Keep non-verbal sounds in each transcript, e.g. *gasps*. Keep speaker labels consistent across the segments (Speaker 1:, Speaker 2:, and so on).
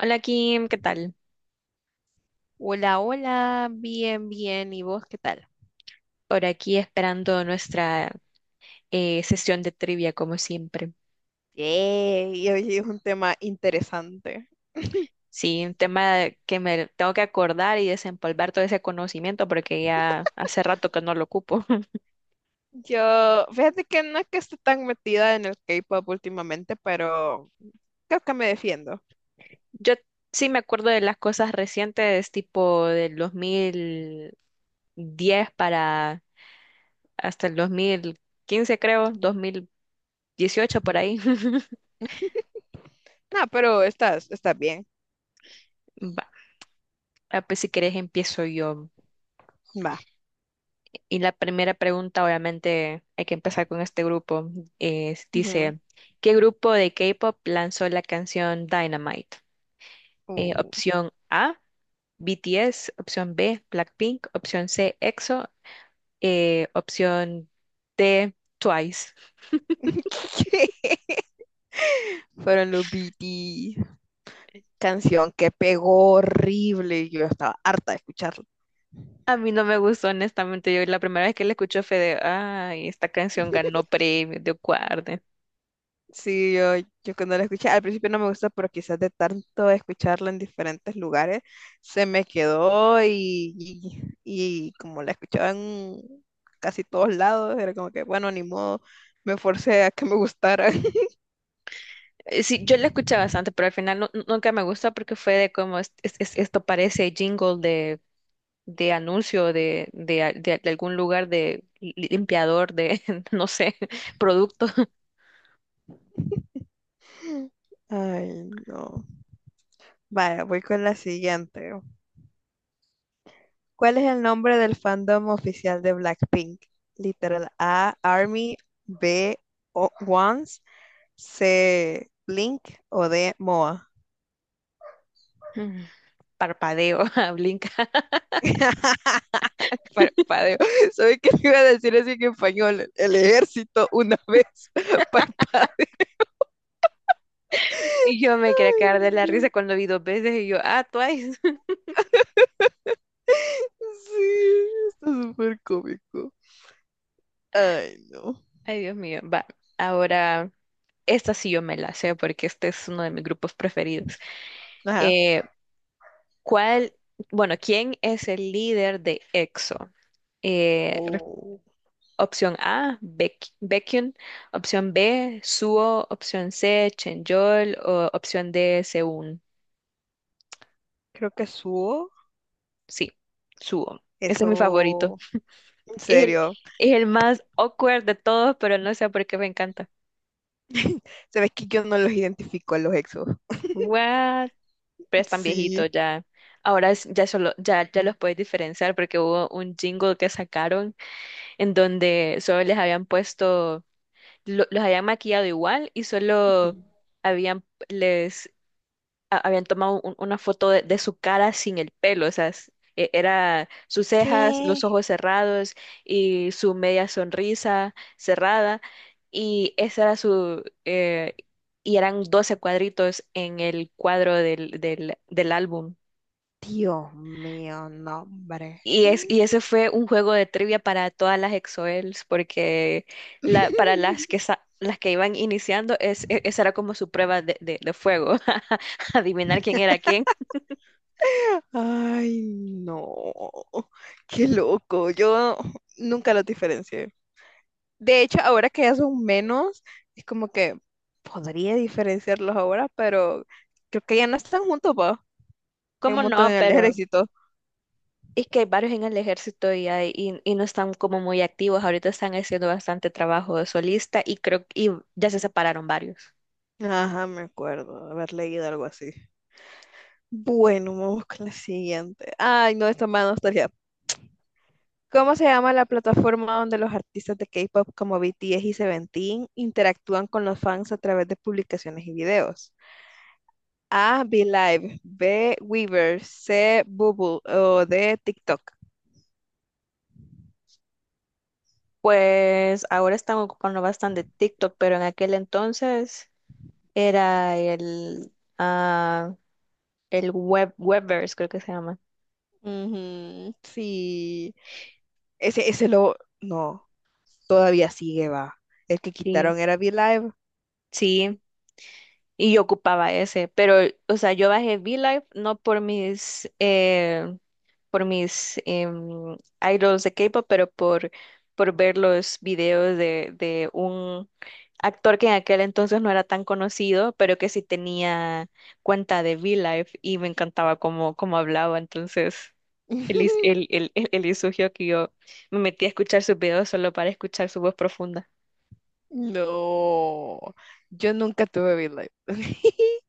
Speaker 1: Hola Kim, ¿qué tal?
Speaker 2: Hola, hola, bien, bien. ¿Y vos qué tal?
Speaker 1: Por aquí esperando nuestra sesión de trivia como siempre.
Speaker 2: Yay, hoy es un tema interesante.
Speaker 1: Sí, un tema que me tengo que acordar y desempolvar todo ese conocimiento porque ya hace rato que no lo ocupo. *laughs*
Speaker 2: Yo, fíjate que no es que esté tan metida en el K-pop últimamente, pero creo que me defiendo.
Speaker 1: Yo sí me acuerdo de las cosas recientes, tipo del 2010 para hasta el 2015 creo, 2018 por ahí. *laughs*
Speaker 2: No, pero estás bien.
Speaker 1: Va, ah, pues si querés empiezo yo.
Speaker 2: Va.
Speaker 1: Y la primera pregunta, obviamente, hay que empezar con este grupo.
Speaker 2: Ujú.
Speaker 1: Dice, ¿qué grupo de K-pop lanzó la canción Dynamite?
Speaker 2: Uh,
Speaker 1: Opción A, BTS, opción B, Blackpink, opción C, EXO, opción D, Twice.
Speaker 2: *laughs* Fueron los BT. Canción que pegó horrible. Yo estaba harta de escucharla.
Speaker 1: A mí no me gustó, honestamente. Yo la primera vez que la escuché fue de, ay, esta canción ganó premio de Guarde.
Speaker 2: Sí, yo cuando la escuché, al principio no me gusta, pero quizás de tanto escucharla en diferentes lugares, se me quedó y como la escuchaba en casi todos lados, era como que, bueno, ni modo, me forcé a que me gustara. *laughs*
Speaker 1: Sí, yo la escuché bastante, pero al final nunca me gustó porque fue de como: Esto parece jingle de anuncio de algún lugar de limpiador de, *laughs* no sé, producto".
Speaker 2: Ay, no. Vaya, voy con la siguiente. ¿Cuál es el nombre del fandom oficial de Blackpink? Literal A, Army; B, O- Once; C, Blink; o D, MOA.
Speaker 1: Mm. Parpadeo, *laughs* ah, blinca.
Speaker 2: *laughs* Parpadeo. ¿Sabes *laughs* qué te iba a decir así en español? El ejército una vez *laughs* parpadeo.
Speaker 1: Y yo me quería
Speaker 2: Ay,
Speaker 1: quedar de la risa
Speaker 2: no.
Speaker 1: cuando vi dos veces y yo, ah, twice. *laughs*
Speaker 2: Sí, está súper cómico. Ay, no.
Speaker 1: Ay, Dios mío, va. Ahora, esta sí yo me la sé porque este es uno de mis grupos preferidos.
Speaker 2: Ajá.
Speaker 1: Eh, ¿Cuál, bueno, quién es el líder de EXO? Eh,
Speaker 2: Oh,
Speaker 1: Opción A, Baekhyun. Opción B, Suho. Opción C, Chenyeol. O opción D, Seun.
Speaker 2: creo que subo.
Speaker 1: Sí, Suho. Ese es mi favorito.
Speaker 2: Eso, en
Speaker 1: Es el,
Speaker 2: serio.
Speaker 1: es el más awkward de todos, pero no sé por qué me encanta.
Speaker 2: *laughs* Sabes que yo no los identifico a los exos.
Speaker 1: What? Pero están
Speaker 2: Sí.
Speaker 1: viejitos ya. Ahora ya solo, ya los puedes diferenciar porque hubo un jingle que sacaron en donde solo les habían puesto, los habían maquillado igual y
Speaker 2: Ujú.
Speaker 1: solo habían les habían tomado una foto de su cara sin el pelo, o sea, era sus cejas, los
Speaker 2: ¿Qué?
Speaker 1: ojos cerrados y su media sonrisa cerrada, y esa era su, y eran 12 cuadritos en el cuadro del álbum.
Speaker 2: Dios mío, nombre.
Speaker 1: Y ese fue un juego de trivia para todas las EXO-Ls, porque la, para las que,
Speaker 2: *laughs*
Speaker 1: las que iban iniciando, esa era como su prueba de fuego, *laughs* adivinar quién era quién.
Speaker 2: Ay, no, qué loco. Yo nunca los diferencié. De hecho, ahora que ya son menos, es como que podría diferenciarlos ahora, pero creo que ya no están juntos, pa, en un
Speaker 1: ¿Cómo
Speaker 2: montón
Speaker 1: no?
Speaker 2: de
Speaker 1: Pero
Speaker 2: ejército.
Speaker 1: es que hay varios en el ejército y no están como muy activos. Ahorita están haciendo bastante trabajo de solista y creo y ya se separaron varios.
Speaker 2: Ajá, me acuerdo haber leído algo así. Bueno, vamos con la siguiente. Ay, no, esta más nostalgia. ¿Cómo se llama la plataforma donde los artistas de K-pop como BTS y Seventeen interactúan con los fans a través de publicaciones y videos? A, Be Live; B, Weaver; C, Bubble; o D, TikTok.
Speaker 1: Pues ahora están ocupando bastante TikTok, pero en aquel entonces era el, ah, el Webverse, creo que se llama.
Speaker 2: Ujú, sí. Ese lo. No, todavía sigue, va. El que
Speaker 1: Sí.
Speaker 2: quitaron era Be Live.
Speaker 1: Sí, y yo ocupaba ese, pero, o sea, yo bajé V-Live no por mis idols de K-pop, pero por, ver los videos de un actor que en aquel entonces no era tan conocido, pero que sí tenía cuenta de V-Live y me encantaba cómo hablaba. Entonces, él, is- él,
Speaker 2: *laughs*
Speaker 1: él, él, él exigió que yo me metí a escuchar sus videos solo para escuchar su voz profunda.
Speaker 2: No, yo nunca tuve BitLife. *laughs*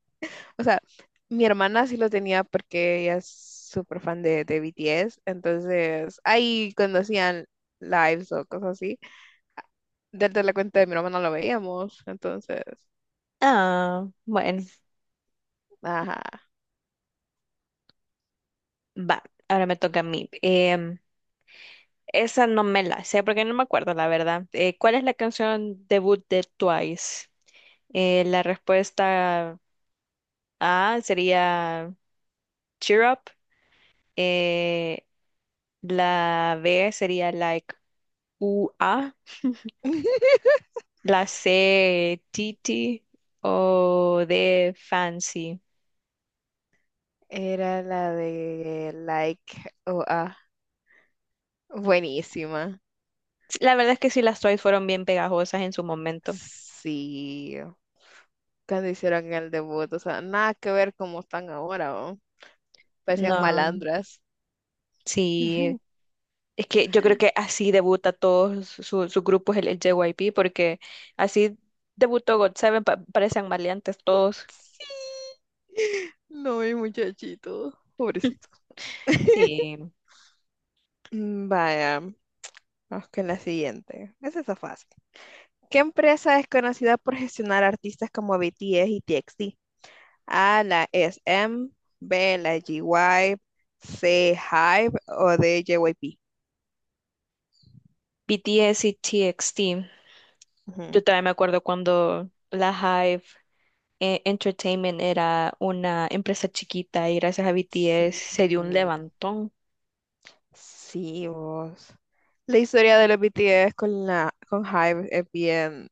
Speaker 2: O sea, mi hermana sí lo tenía porque ella es súper fan de BTS, entonces ahí conocían lives o cosas así. Desde la cuenta de mi hermana lo veíamos, entonces,
Speaker 1: Ah, bueno,
Speaker 2: ajá.
Speaker 1: va, ahora me toca a mí. Esa no me la sé porque no me acuerdo, la verdad. ¿Cuál es la canción debut de Twice? La respuesta A sería Cheer Up. Eh, la B sería Like U A, *laughs*
Speaker 2: *laughs*
Speaker 1: la C, Titi o de Fancy.
Speaker 2: Era la de Like o ah, buenísima.
Speaker 1: La verdad es que sí, las Twice fueron bien pegajosas en su momento.
Speaker 2: Sí, cuando hicieron el debut, o sea, nada que ver como están ahora, ¿o? Parecían
Speaker 1: No,
Speaker 2: malandras.
Speaker 1: sí,
Speaker 2: *laughs*
Speaker 1: es que yo creo que así debuta todos sus grupos el JYP, porque así debutó God Seven, parecen maleantes todos.
Speaker 2: *laughs* Sí. No, mi muchachito. Pobrecito.
Speaker 1: *laughs*
Speaker 2: *laughs*
Speaker 1: Sí,
Speaker 2: Vaya, vamos con la siguiente. Esa está fácil. ¿Qué empresa es conocida por gestionar artistas como BTS y TXT? A, la SM; B, la GY; C, Hype; o D, JYP.
Speaker 1: BTS y TXT.
Speaker 2: Ujú.
Speaker 1: Yo también me acuerdo cuando la Hive Entertainment era una empresa chiquita y gracias a
Speaker 2: Sí.
Speaker 1: BTS se dio un levantón.
Speaker 2: Sí, vos. La historia de los BTS con la con Hype es bien,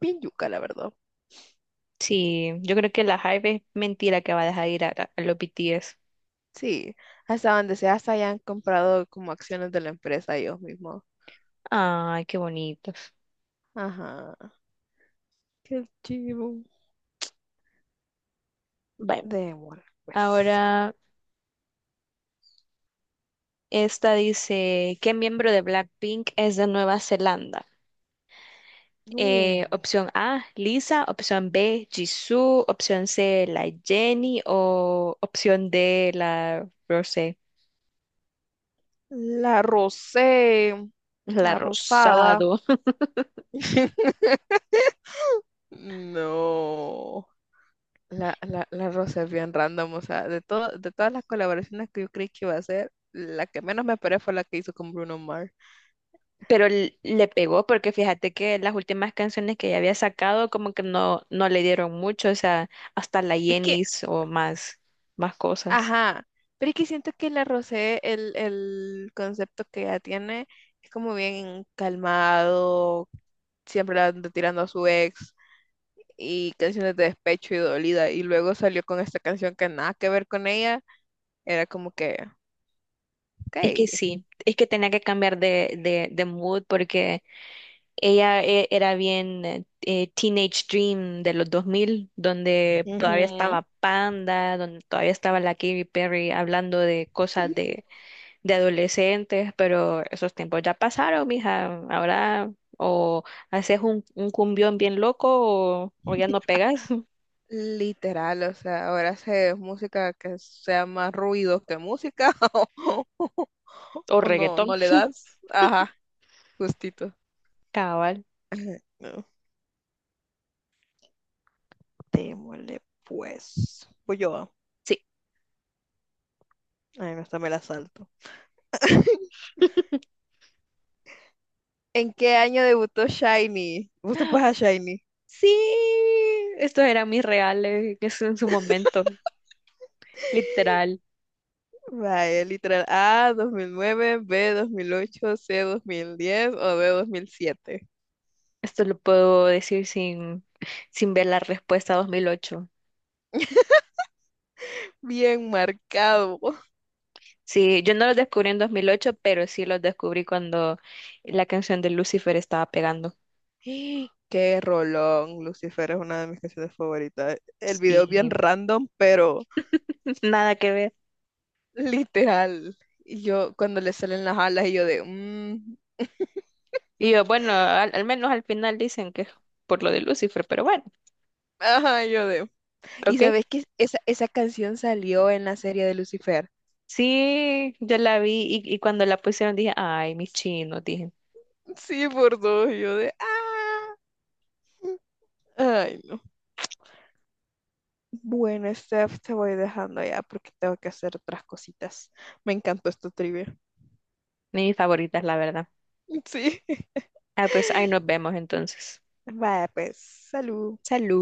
Speaker 2: bien yuca, la verdad.
Speaker 1: Sí, yo creo que la Hive es mentira que va a dejar ir a los BTS.
Speaker 2: Sí, hasta donde sea, hasta ya han comprado como acciones de la empresa ellos mismos.
Speaker 1: Ay, qué bonitos.
Speaker 2: Ajá, qué chivo.
Speaker 1: Bueno,
Speaker 2: Démosle, pues.
Speaker 1: ahora. Esta dice: ¿qué miembro de Blackpink es de Nueva Zelanda?
Speaker 2: No.
Speaker 1: Opción A, Lisa, opción B, Jisoo, opción C, la Jennie o opción D, la Rosé,
Speaker 2: La rosé,
Speaker 1: la
Speaker 2: la rosada.
Speaker 1: Rosado.
Speaker 2: *laughs* No. La rosa es bien random, o sea, de todo, de todas las colaboraciones que yo creí que iba a hacer, la que menos me esperé fue la que hizo con Bruno Mars.
Speaker 1: *laughs* Pero le pegó porque fíjate que las últimas canciones que ella había sacado como que no, no le dieron mucho, o sea, hasta la
Speaker 2: Es que
Speaker 1: Jennie o más, más cosas.
Speaker 2: ajá, pero es que siento que la rosé, el concepto que ella tiene es como bien calmado, siempre la anda tirando a su ex y canciones de despecho y dolida. Y luego salió con esta canción que nada que ver con ella, era como que, ok,
Speaker 1: Es que sí, es que tenía que cambiar de mood porque ella era bien Teenage Dream de los 2000, donde todavía
Speaker 2: ujú,
Speaker 1: estaba Panda, donde todavía estaba la Katy Perry hablando de cosas de adolescentes, pero esos tiempos ya pasaron, mija. Ahora o haces un cumbión bien loco o ya no pegas,
Speaker 2: literal, o sea, ahora hace música que sea más ruido que música *laughs*
Speaker 1: *laughs* o
Speaker 2: o no,
Speaker 1: reggaetón,
Speaker 2: no le das, ajá, justito.
Speaker 1: cabal.
Speaker 2: No. Démosle pues, voy yo.
Speaker 1: Sí.
Speaker 2: Ay, no, esta me la salto. *laughs*
Speaker 1: *laughs*
Speaker 2: ¿En qué año debutó Shiny? ¿Vos te pones a Shiny?
Speaker 1: Sí, estos eran mis reales en su momento, literal.
Speaker 2: Vaya, literal. A, 2009; B, 2008; C, 2010; o D, 2007.
Speaker 1: Esto lo puedo decir sin ver la respuesta 2008.
Speaker 2: Bien marcado.
Speaker 1: Sí, yo no los descubrí en 2008 pero sí los descubrí cuando la canción de Lucifer estaba pegando.
Speaker 2: *gasps* *laughs* Qué rolón. Lucifer es una de mis canciones favoritas. El video bien
Speaker 1: Sí,
Speaker 2: random, pero
Speaker 1: *laughs* nada que ver.
Speaker 2: literal. Y yo, cuando le salen las alas, y yo de... mm,
Speaker 1: Y yo, bueno, al menos al final dicen que es por lo de Lucifer, pero bueno,
Speaker 2: ajá, yo de... Y
Speaker 1: ok.
Speaker 2: sabes que esa canción salió en la serie de Lucifer.
Speaker 1: Sí, yo la vi y cuando la pusieron dije, ay, mis chinos, dije,
Speaker 2: Sí, por dos. Y yo de, ah. Ay, no. Bueno, Steph, te voy dejando ya porque tengo que hacer otras cositas. Me encantó esta trivia.
Speaker 1: mis favoritas, la verdad.
Speaker 2: Sí. *laughs*
Speaker 1: Ah, pues ahí nos vemos entonces.
Speaker 2: Vaya, pues, salud.
Speaker 1: Salud.